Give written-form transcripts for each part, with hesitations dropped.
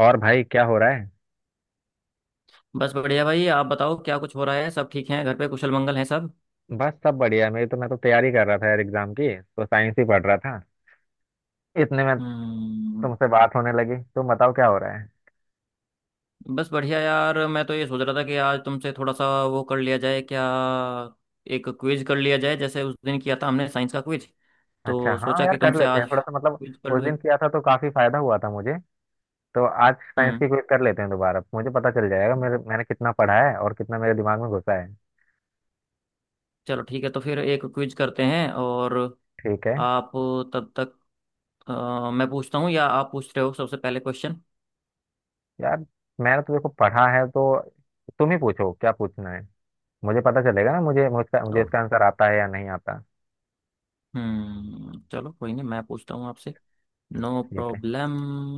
और भाई क्या हो रहा है। बस बढ़िया भाई, आप बताओ क्या कुछ हो रहा है। सब ठीक हैं? घर पे कुशल मंगल हैं सब? बस सब बढ़िया। मेरी तो मैं तो तैयारी कर रहा था यार एग्जाम की, तो साइंस ही पढ़ रहा था इतने में हम्म। तुमसे बात होने लगी। तुम बताओ क्या हो रहा है। बस बढ़िया यार, मैं तो ये सोच रहा था कि आज तुमसे थोड़ा सा वो कर लिया जाए क्या, एक क्विज कर लिया जाए, जैसे उस दिन किया था हमने साइंस का क्विज। अच्छा तो हाँ सोचा यार, कि कर तुमसे लेते आज हैं थोड़ा सा मतलब, क्विज कर उस लूँ दिन एक। किया था तो काफी फायदा हुआ था मुझे। तो आज साइंस हम्म। की क्विज कर लेते हैं दोबारा, मुझे पता चल जाएगा मेरे मैंने कितना पढ़ा है और कितना मेरे दिमाग में घुसा है। चलो ठीक है, तो फिर एक क्विज करते हैं। और ठीक है। आप तब तक मैं पूछता हूँ या आप पूछ रहे हो सबसे पहले क्वेश्चन? यार मैंने तो देखो पढ़ा है, तो तुम ही पूछो क्या पूछना है। मुझे पता चलेगा ना मुझे ओ। इसका आंसर आता है या नहीं आता। हम्म, चलो कोई नहीं, मैं पूछता हूँ आपसे। नो ठीक है। Problem.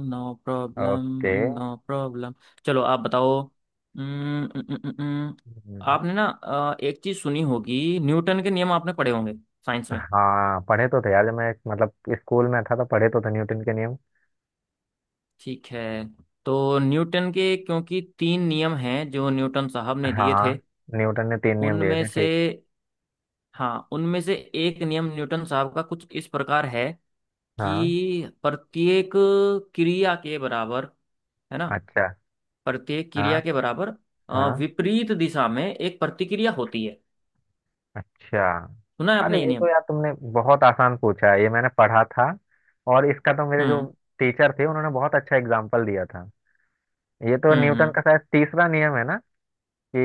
No problem. Okay. No problem. चलो आप बताओ। उम्म, उम्म, उम्म, उम्म, हम्म। आपने ना एक चीज सुनी होगी, न्यूटन के नियम आपने पढ़े होंगे साइंस में। हाँ, पढ़े तो थे यार, जब मैं मतलब स्कूल में था तो पढ़े तो थे न्यूटन के नियम। ठीक है। तो न्यूटन के क्योंकि तीन नियम हैं जो न्यूटन साहब ने दिए हाँ, थे। न्यूटन ने तीन नियम दिए उनमें थे, से, ठीक। हाँ उनमें से एक नियम न्यूटन साहब का कुछ इस प्रकार है हाँ। कि प्रत्येक क्रिया के बराबर, है ना, अच्छा। प्रत्येक क्रिया हाँ। के बराबर हाँ। विपरीत दिशा में एक प्रतिक्रिया होती है। अच्छा। सुना है अरे आपने ये ये तो नियम? यार तुमने बहुत आसान पूछा है, ये मैंने पढ़ा था और इसका तो मेरे जो हम्म। टीचर थे उन्होंने बहुत अच्छा एग्जाम्पल दिया था। ये तो हम्म। न्यूटन हम्म। का शायद तीसरा नियम है ना, कि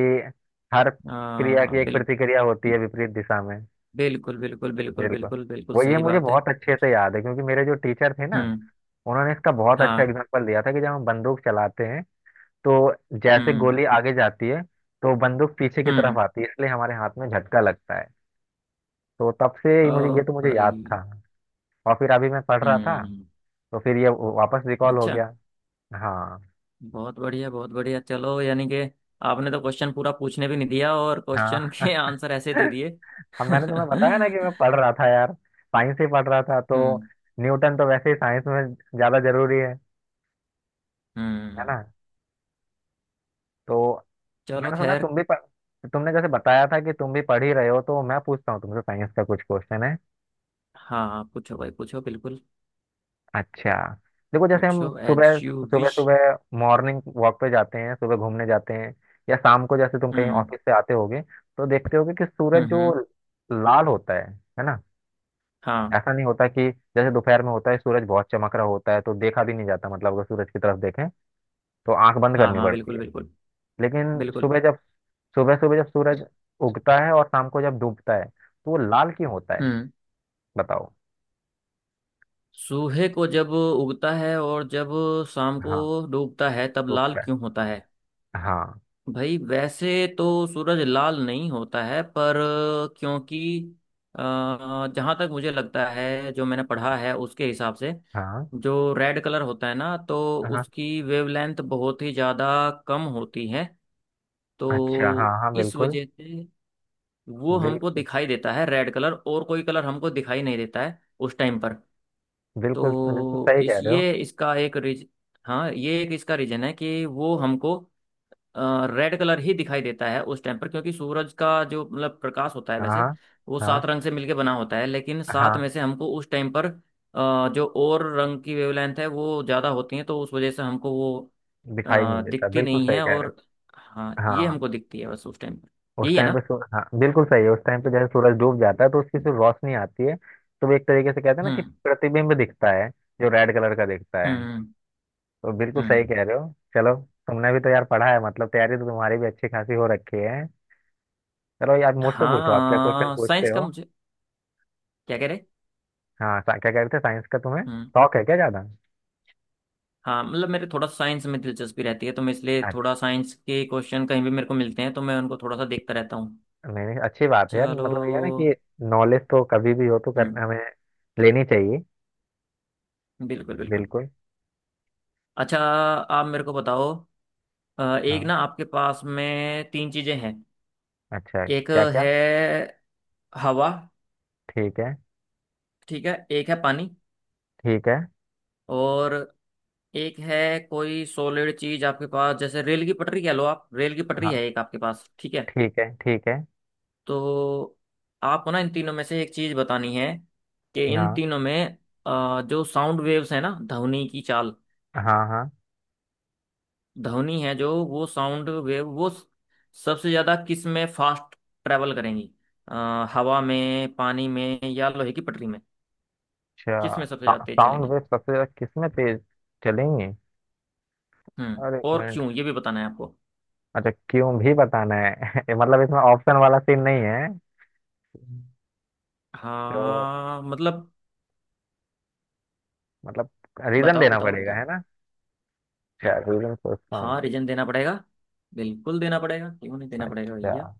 हर क्रिया आ, की एक बिल, प्रतिक्रिया होती है विपरीत दिशा में। बिल्कुल बिल्कुल बिल्कुल बिल्कुल। बिल्कुल बिल्कुल वो ये सही मुझे बात है। बहुत अच्छे से याद है क्योंकि मेरे जो टीचर थे ना, हम्म। उन्होंने इसका बहुत अच्छा हाँ। एग्जाम्पल दिया था कि जब हम बंदूक चलाते हैं तो जैसे हम्म। गोली आगे जाती है तो बंदूक पीछे की तरफ हम्म। आती है, इसलिए हमारे हाथ में झटका लगता है। तो तब से ओ ही मुझे ये तो मुझे याद था, भाई। और फिर अभी मैं पढ़ रहा था हम्म। तो फिर ये वापस रिकॉल हो अच्छा। गया। हाँ। बहुत बढ़िया बहुत बढ़िया, चलो यानी कि आपने तो क्वेश्चन पूरा पूछने भी नहीं दिया और हाँ। क्वेश्चन के आंसर ऐसे दे दिए। अब मैंने तुम्हें बताया ना हम्म। कि मैं पढ़ रहा था यार, साइंस ही पढ़ रहा था तो न्यूटन तो वैसे ही साइंस में ज्यादा जरूरी है ना। हम्म। तो चलो मैंने सुना खैर। तुम भी पढ़ तुमने जैसे बताया था कि तुम भी पढ़ ही रहे हो, तो मैं पूछता हूँ तुमसे साइंस का कुछ क्वेश्चन है। हाँ पूछो भाई, पूछो बिल्कुल। अच्छा, देखो जैसे हम पूछो, एज सुबह यू सुबह विश। सुबह मॉर्निंग वॉक पे जाते हैं, सुबह घूमने जाते हैं, या शाम को जैसे तुम कहीं हम्म। ऑफिस से आते होगे तो देखते होगे कि सूरज हम्म जो हम्म, लाल होता है ना। हाँ। ऐसा नहीं होता कि जैसे दोपहर में होता है सूरज बहुत चमक रहा होता है तो देखा भी नहीं जाता, मतलब अगर सूरज की तरफ देखें तो आंख बंद हाँ करनी हाँ पड़ती बिल्कुल है। बिल्कुल। लेकिन बिल्कुल। सुबह जब सुबह सुबह जब सूरज उगता है और शाम को जब डूबता है तो वो लाल क्यों होता है, हम्म। बताओ। सूहे को जब उगता है और जब शाम को हाँ। डूबता है तब तो लाल क्यों होता है? हाँ। भाई वैसे तो सूरज लाल नहीं होता है पर क्योंकि जहां तक मुझे लगता है जो मैंने पढ़ा है उसके हिसाब से, हाँ। जो रेड कलर होता है ना तो हाँ। उसकी वेवलेंथ बहुत ही ज्यादा कम होती है। अच्छा। हाँ, तो हाँ इस बिल्कुल वजह से वो हमको बिल्कुल दिखाई देता है रेड कलर, और कोई कलर हमको दिखाई नहीं देता है उस टाइम पर। बिल्कुल बिल्कुल तो सही इस कह रहे हो। ये इसका एक रीज हाँ ये एक इसका रीजन है कि वो हमको रेड कलर ही दिखाई देता है उस टाइम पर, क्योंकि सूरज का जो मतलब प्रकाश होता है वैसे हाँ। वो हाँ। सात रंग से मिलके बना होता है, लेकिन सात हाँ, में से हमको उस टाइम पर जो और रंग की वेवलेंथ है वो ज़्यादा होती है तो उस वजह से हमको वो दिखाई नहीं देता, दिखती बिल्कुल नहीं सही है। कह रहे और हो। हाँ ये हाँ, हमको दिखती है बस उस टाइम पर, उस यही है टाइम पे ना। सूर- हाँ बिल्कुल सही है, उस टाइम पे जैसे सूरज डूब जाता है तो उसकी जो रोशनी आती है तो वो एक तरीके से कहते हैं ना कि हम्म। प्रतिबिंब दिखता है, जो रेड कलर का दिखता हम्म। है। हम्म। तो बिल्कुल सही हम्म। कह रहे हो। चलो, तुमने भी तो यार पढ़ा है, मतलब तैयारी तो तुम्हारी भी अच्छी खासी हो रखी है। चलो यार, मुझसे पूछो आप क्या क्वेश्चन हाँ पूछते साइंस का हो। मुझे, क्या कह रहे। हाँ, क्या कहते थे, साइंस का तुम्हें हम्म। शौक है क्या ज्यादा। हाँ मतलब मेरे थोड़ा साइंस में दिलचस्पी रहती है तो मैं इसलिए थोड़ा अच्छा। साइंस के क्वेश्चन कहीं भी मेरे को मिलते हैं तो मैं उनको थोड़ा सा देखता रहता हूँ। नहीं नहीं, अच्छी बात है यार, चलो। मतलब ये है ना कि नॉलेज तो कभी भी हो तो कर हम्म। हमें लेनी चाहिए। बिल्कुल बिल्कुल। बिल्कुल। अच्छा आप मेरे को बताओ, एक हाँ, ना आपके पास में तीन चीजें हैं। अच्छा है। एक क्या क्या। है हवा, ठीक है, ठीक है, एक है पानी, ठीक है। और एक है कोई सॉलिड चीज आपके पास, जैसे रेल की पटरी कह लो आप, रेल की पटरी हाँ, है एक आपके पास, ठीक है। ठीक है ठीक है। तो आपको ना इन तीनों में से एक चीज बतानी है कि इन हाँ। तीनों में जो साउंड वेव्स है ना, ध्वनि की चाल, हाँ। हाँ। ध्वनि है जो, वो साउंड वेव वो सबसे ज्यादा किस में फास्ट ट्रेवल करेंगी, हवा में, पानी में, या लोहे की पटरी में? किस अच्छा, में सबसे ज्यादा तेज साउंड चलेंगी? वेव सबसे ज्यादा किस में तेज चलेंगे। हम्म, और एक और मिनट, क्यों ये भी बताना है आपको। अच्छा क्यों भी बताना है। मतलब इसमें ऑप्शन वाला सीन नहीं है तो, हाँ मतलब मतलब रीजन बताओ देना बताओ पड़ेगा, बताओ, है ना। अच्छा रीजन सोचता हूँ हाँ मैं। रीजन देना पड़ेगा, बिल्कुल देना पड़ेगा, क्यों नहीं देना पड़ेगा भैया। अच्छा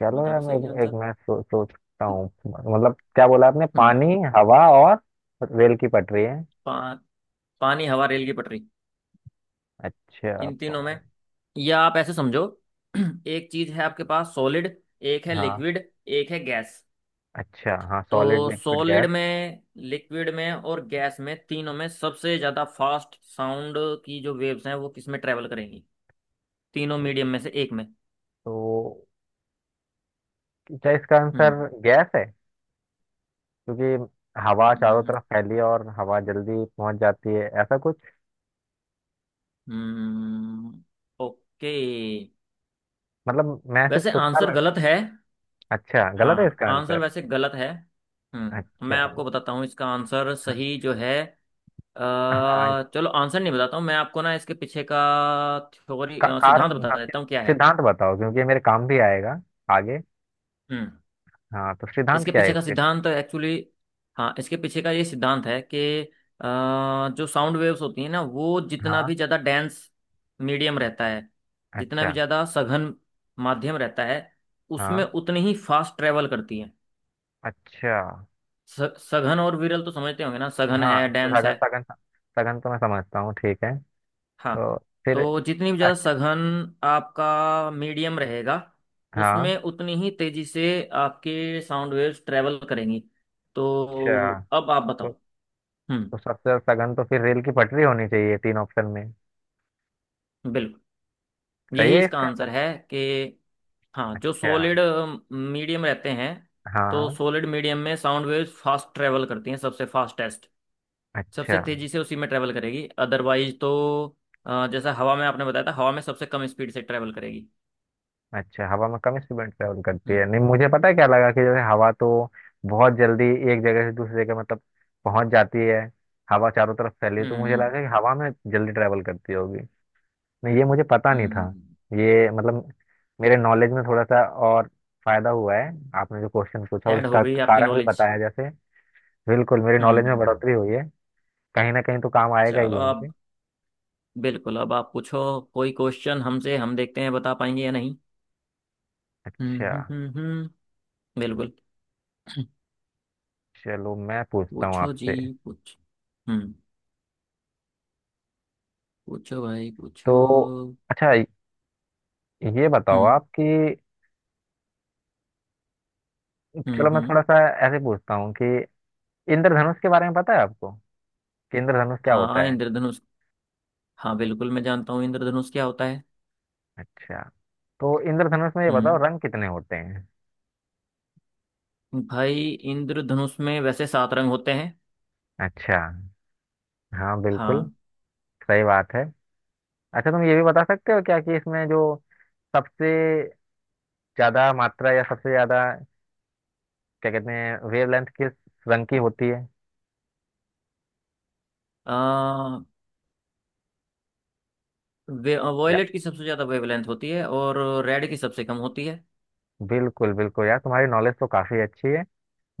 चलो यार बताओ मैं सही एक आंसर। मैं सोचता हूँ, मतलब क्या बोला आपने, पानी, हम्म। हवा और रेल की पटरी है। पानी, हवा, रेल की पटरी, अच्छा, इन तीनों में। पानी। या आप ऐसे समझो, एक चीज है आपके पास सॉलिड, एक है हाँ, लिक्विड, एक है गैस। अच्छा हाँ, सॉलिड तो लिक्विड सॉलिड गैस। में, लिक्विड में और गैस में, तीनों में सबसे ज्यादा फास्ट साउंड की जो वेव्स हैं वो किस में ट्रेवल करेंगी, तीनों तो, मीडियम में से एक में। तो क्या इसका आंसर हम्म। गैस है, क्योंकि हवा चारों हम्म तरफ फैली है और हवा जल्दी पहुंच जाती है, ऐसा कुछ। हम्म, ओके। मतलब मैं सिर्फ वैसे तुक्का आंसर लग। गलत है। अच्छा, गलत है हाँ इसका आंसर आंसर। वैसे गलत है। हम्म, मैं अच्छा। आपको बताता हूँ इसका आंसर हाँ। सही जो है। अ, हाँ। चलो आंसर नहीं बताता हूँ, मैं आपको ना इसके पीछे का थ्योरी सिद्धांत कारण बता हाँ, देता हूँ क्या है। सिद्धांत बताओ क्योंकि ये मेरे काम भी आएगा आगे। हम्म। हाँ, तो सिद्धांत इसके क्या है पीछे का इसके। सिद्धांत एक्चुअली, हाँ इसके पीछे का ये सिद्धांत है कि अ, जो साउंड वेव्स होती हैं ना वो जितना हाँ। भी ज़्यादा डेंस मीडियम रहता है, जितना अच्छा। भी ज़्यादा सघन माध्यम रहता है, उसमें हाँ। उतनी ही फास्ट ट्रेवल करती है। अच्छा। स- सघन और विरल तो समझते होंगे ना, सघन हाँ, है तो डेंस सगन। है। सगन, सगन तो मैं समझता हूँ, ठीक है। हाँ तो फिर, तो जितनी भी ज़्यादा अच्छ- सघन आपका मीडियम रहेगा, हाँ। उसमें उतनी ही तेज़ी से आपके साउंड वेव्स ट्रेवल करेंगी। अच्छा, तो अब आप तो, बताओ। हम्म। तो सबसे ज्यादा सगन तो फिर रेल की पटरी होनी चाहिए तीन ऑप्शन में। बिल्कुल, सही यही है इसका इसका आंसर? आंसर है कि हाँ जो अच्छा। सॉलिड मीडियम रहते हैं, तो हाँ। सॉलिड मीडियम में साउंड वेव्स फास्ट ट्रेवल करती हैं, सबसे फास्टेस्ट, सबसे अच्छा। तेज़ी से उसी में ट्रेवल करेगी। अदरवाइज तो जैसा हवा में आपने बताया था, हवा में सबसे कम स्पीड से ट्रेवल करेगी। अच्छा, हवा में कम स्पीड ट्रेवल करती है, हम्म। नहीं मुझे पता है, क्या लगा कि जैसे हवा तो बहुत जल्दी एक जगह से दूसरी जगह मतलब पहुंच जाती है, हवा चारों तरफ फैली है, हम्म तो मुझे हम्म लगा कि हवा में जल्दी ट्रेवल करती होगी। नहीं ये मुझे पता नहीं हम्म, था। हम्म। ये मतलब मेरे नॉलेज में थोड़ा सा और फायदा हुआ है, आपने जो क्वेश्चन पूछा और ऐड हो इसका गई आपकी कारण भी नॉलेज। बताया जैसे। बिल्कुल, मेरी हम्म नॉलेज हम्म में हम्म। बढ़ोतरी हुई है। कहीं ना कहीं तो काम आएगा ही चलो ये अब, मुझे। बिल्कुल अब आप पूछो कोई क्वेश्चन हमसे, हम देखते हैं बता पाएंगे या नहीं। हम्म अच्छा। हम्म हम्म हम्म, बिल्कुल। चलो मैं पूछता हूँ पूछो जी, आपसे। पूछ हम्म, पूछो भाई तो पूछो। अच्छा, ये बताओ हम्म। आप कि, हम्म। चलो मैं हम्म। थोड़ा सा ऐसे पूछता हूँ कि इंद्रधनुष के बारे में पता है आपको, कि इंद्रधनुष क्या हाँ होता है। इंद्रधनुष, हाँ बिल्कुल मैं जानता हूँ इंद्रधनुष क्या होता है। अच्छा, तो इंद्रधनुष में ये बताओ हम्म। रंग कितने होते हैं। भाई इंद्रधनुष में वैसे सात रंग होते हैं। अच्छा, हाँ बिल्कुल, हाँ। सही बात है। अच्छा, तुम ये भी बता सकते हो क्या कि इसमें जो सबसे ज्यादा मात्रा या सबसे ज्यादा क्या कहते हैं, वेवलेंथ किस रंग की होती है। आ, या, वॉयलेट की सबसे ज्यादा वेवलेंथ होती है और रेड की सबसे कम होती है। बिल्कुल बिल्कुल यार, तुम्हारी नॉलेज तो काफी अच्छी है।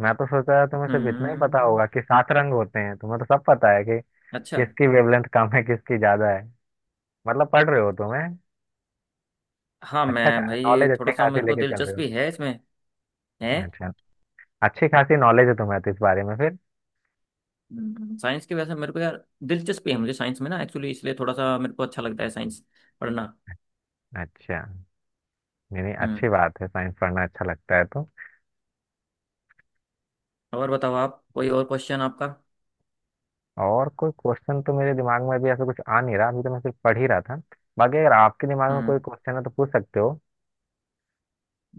मैं तो सोचा था तुम्हें सिर्फ इतना ही पता हम्म। होगा कि सात रंग होते हैं, तुम्हें तो सब पता है कि अच्छा। किसकी वेवलेंथ कम है किसकी ज्यादा है, मतलब पढ़ रहे हो तुम्हें। हाँ अच्छा, मैं भाई ये नॉलेज अच्छी थोड़ा सा खासी मेरे को लेके चल रहे दिलचस्पी है इसमें, है। हो। अच्छा, अच्छी खासी नॉलेज है तुम्हें तो इस बारे में फिर। हम्म। साइंस की वजह से मेरे को यार दिलचस्पी है, मुझे साइंस में ना एक्चुअली इसलिए थोड़ा सा मेरे को अच्छा लगता है साइंस पढ़ना। अच्छा, नहीं नहीं अच्छी हम्म। बात है, साइंस पढ़ना अच्छा लगता है तो। और बताओ आप, कोई और क्वेश्चन आपका। और कोई क्वेश्चन तो मेरे दिमाग में अभी ऐसा कुछ आ नहीं रहा, अभी तो मैं सिर्फ पढ़ ही रहा था, बाकी अगर आपके दिमाग में हम्म। कोई क्वेश्चन है तो पूछ सकते हो।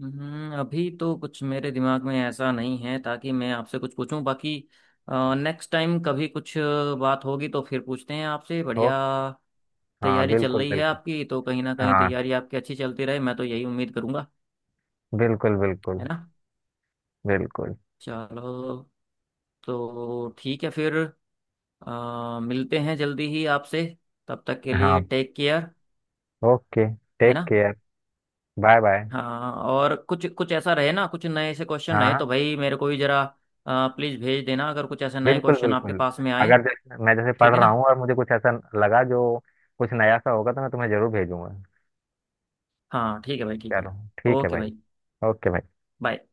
अभी तो कुछ मेरे दिमाग में ऐसा नहीं है ताकि मैं आपसे कुछ पूछूं, बाकी नेक्स्ट टाइम कभी कुछ बात होगी तो फिर पूछते हैं आपसे। ओ। बढ़िया, हाँ तैयारी चल बिल्कुल रही है बिल्कुल। आपकी तो कहीं ना कहीं हाँ। तैयारी आपकी अच्छी चलती रहे, मैं तो यही उम्मीद करूंगा, बिल्कुल है बिल्कुल। ना। बिल्कुल। चलो तो ठीक है फिर, मिलते हैं जल्दी ही आपसे, तब तक के लिए हाँ। Take care. ओके, है टेक ना। केयर। Bye bye. हाँ और कुछ, कुछ ऐसा रहे ना, कुछ नए से क्वेश्चन हाँ। रहे हाँ तो भाई मेरे को भी जरा प्लीज़ भेज देना, अगर कुछ ऐसे नए बिल्कुल क्वेश्चन आपके बिल्कुल। पास में आए। अगर जैसे मैं जैसे ठीक पढ़ है रहा ना। हूँ और मुझे कुछ ऐसा लगा जो कुछ नया सा होगा तो मैं तुम्हें जरूर भेजूंगा। हाँ ठीक है भाई, ठीक है। चलो, ठीक है ओके भाई। भाई। ओके भाई। बाय।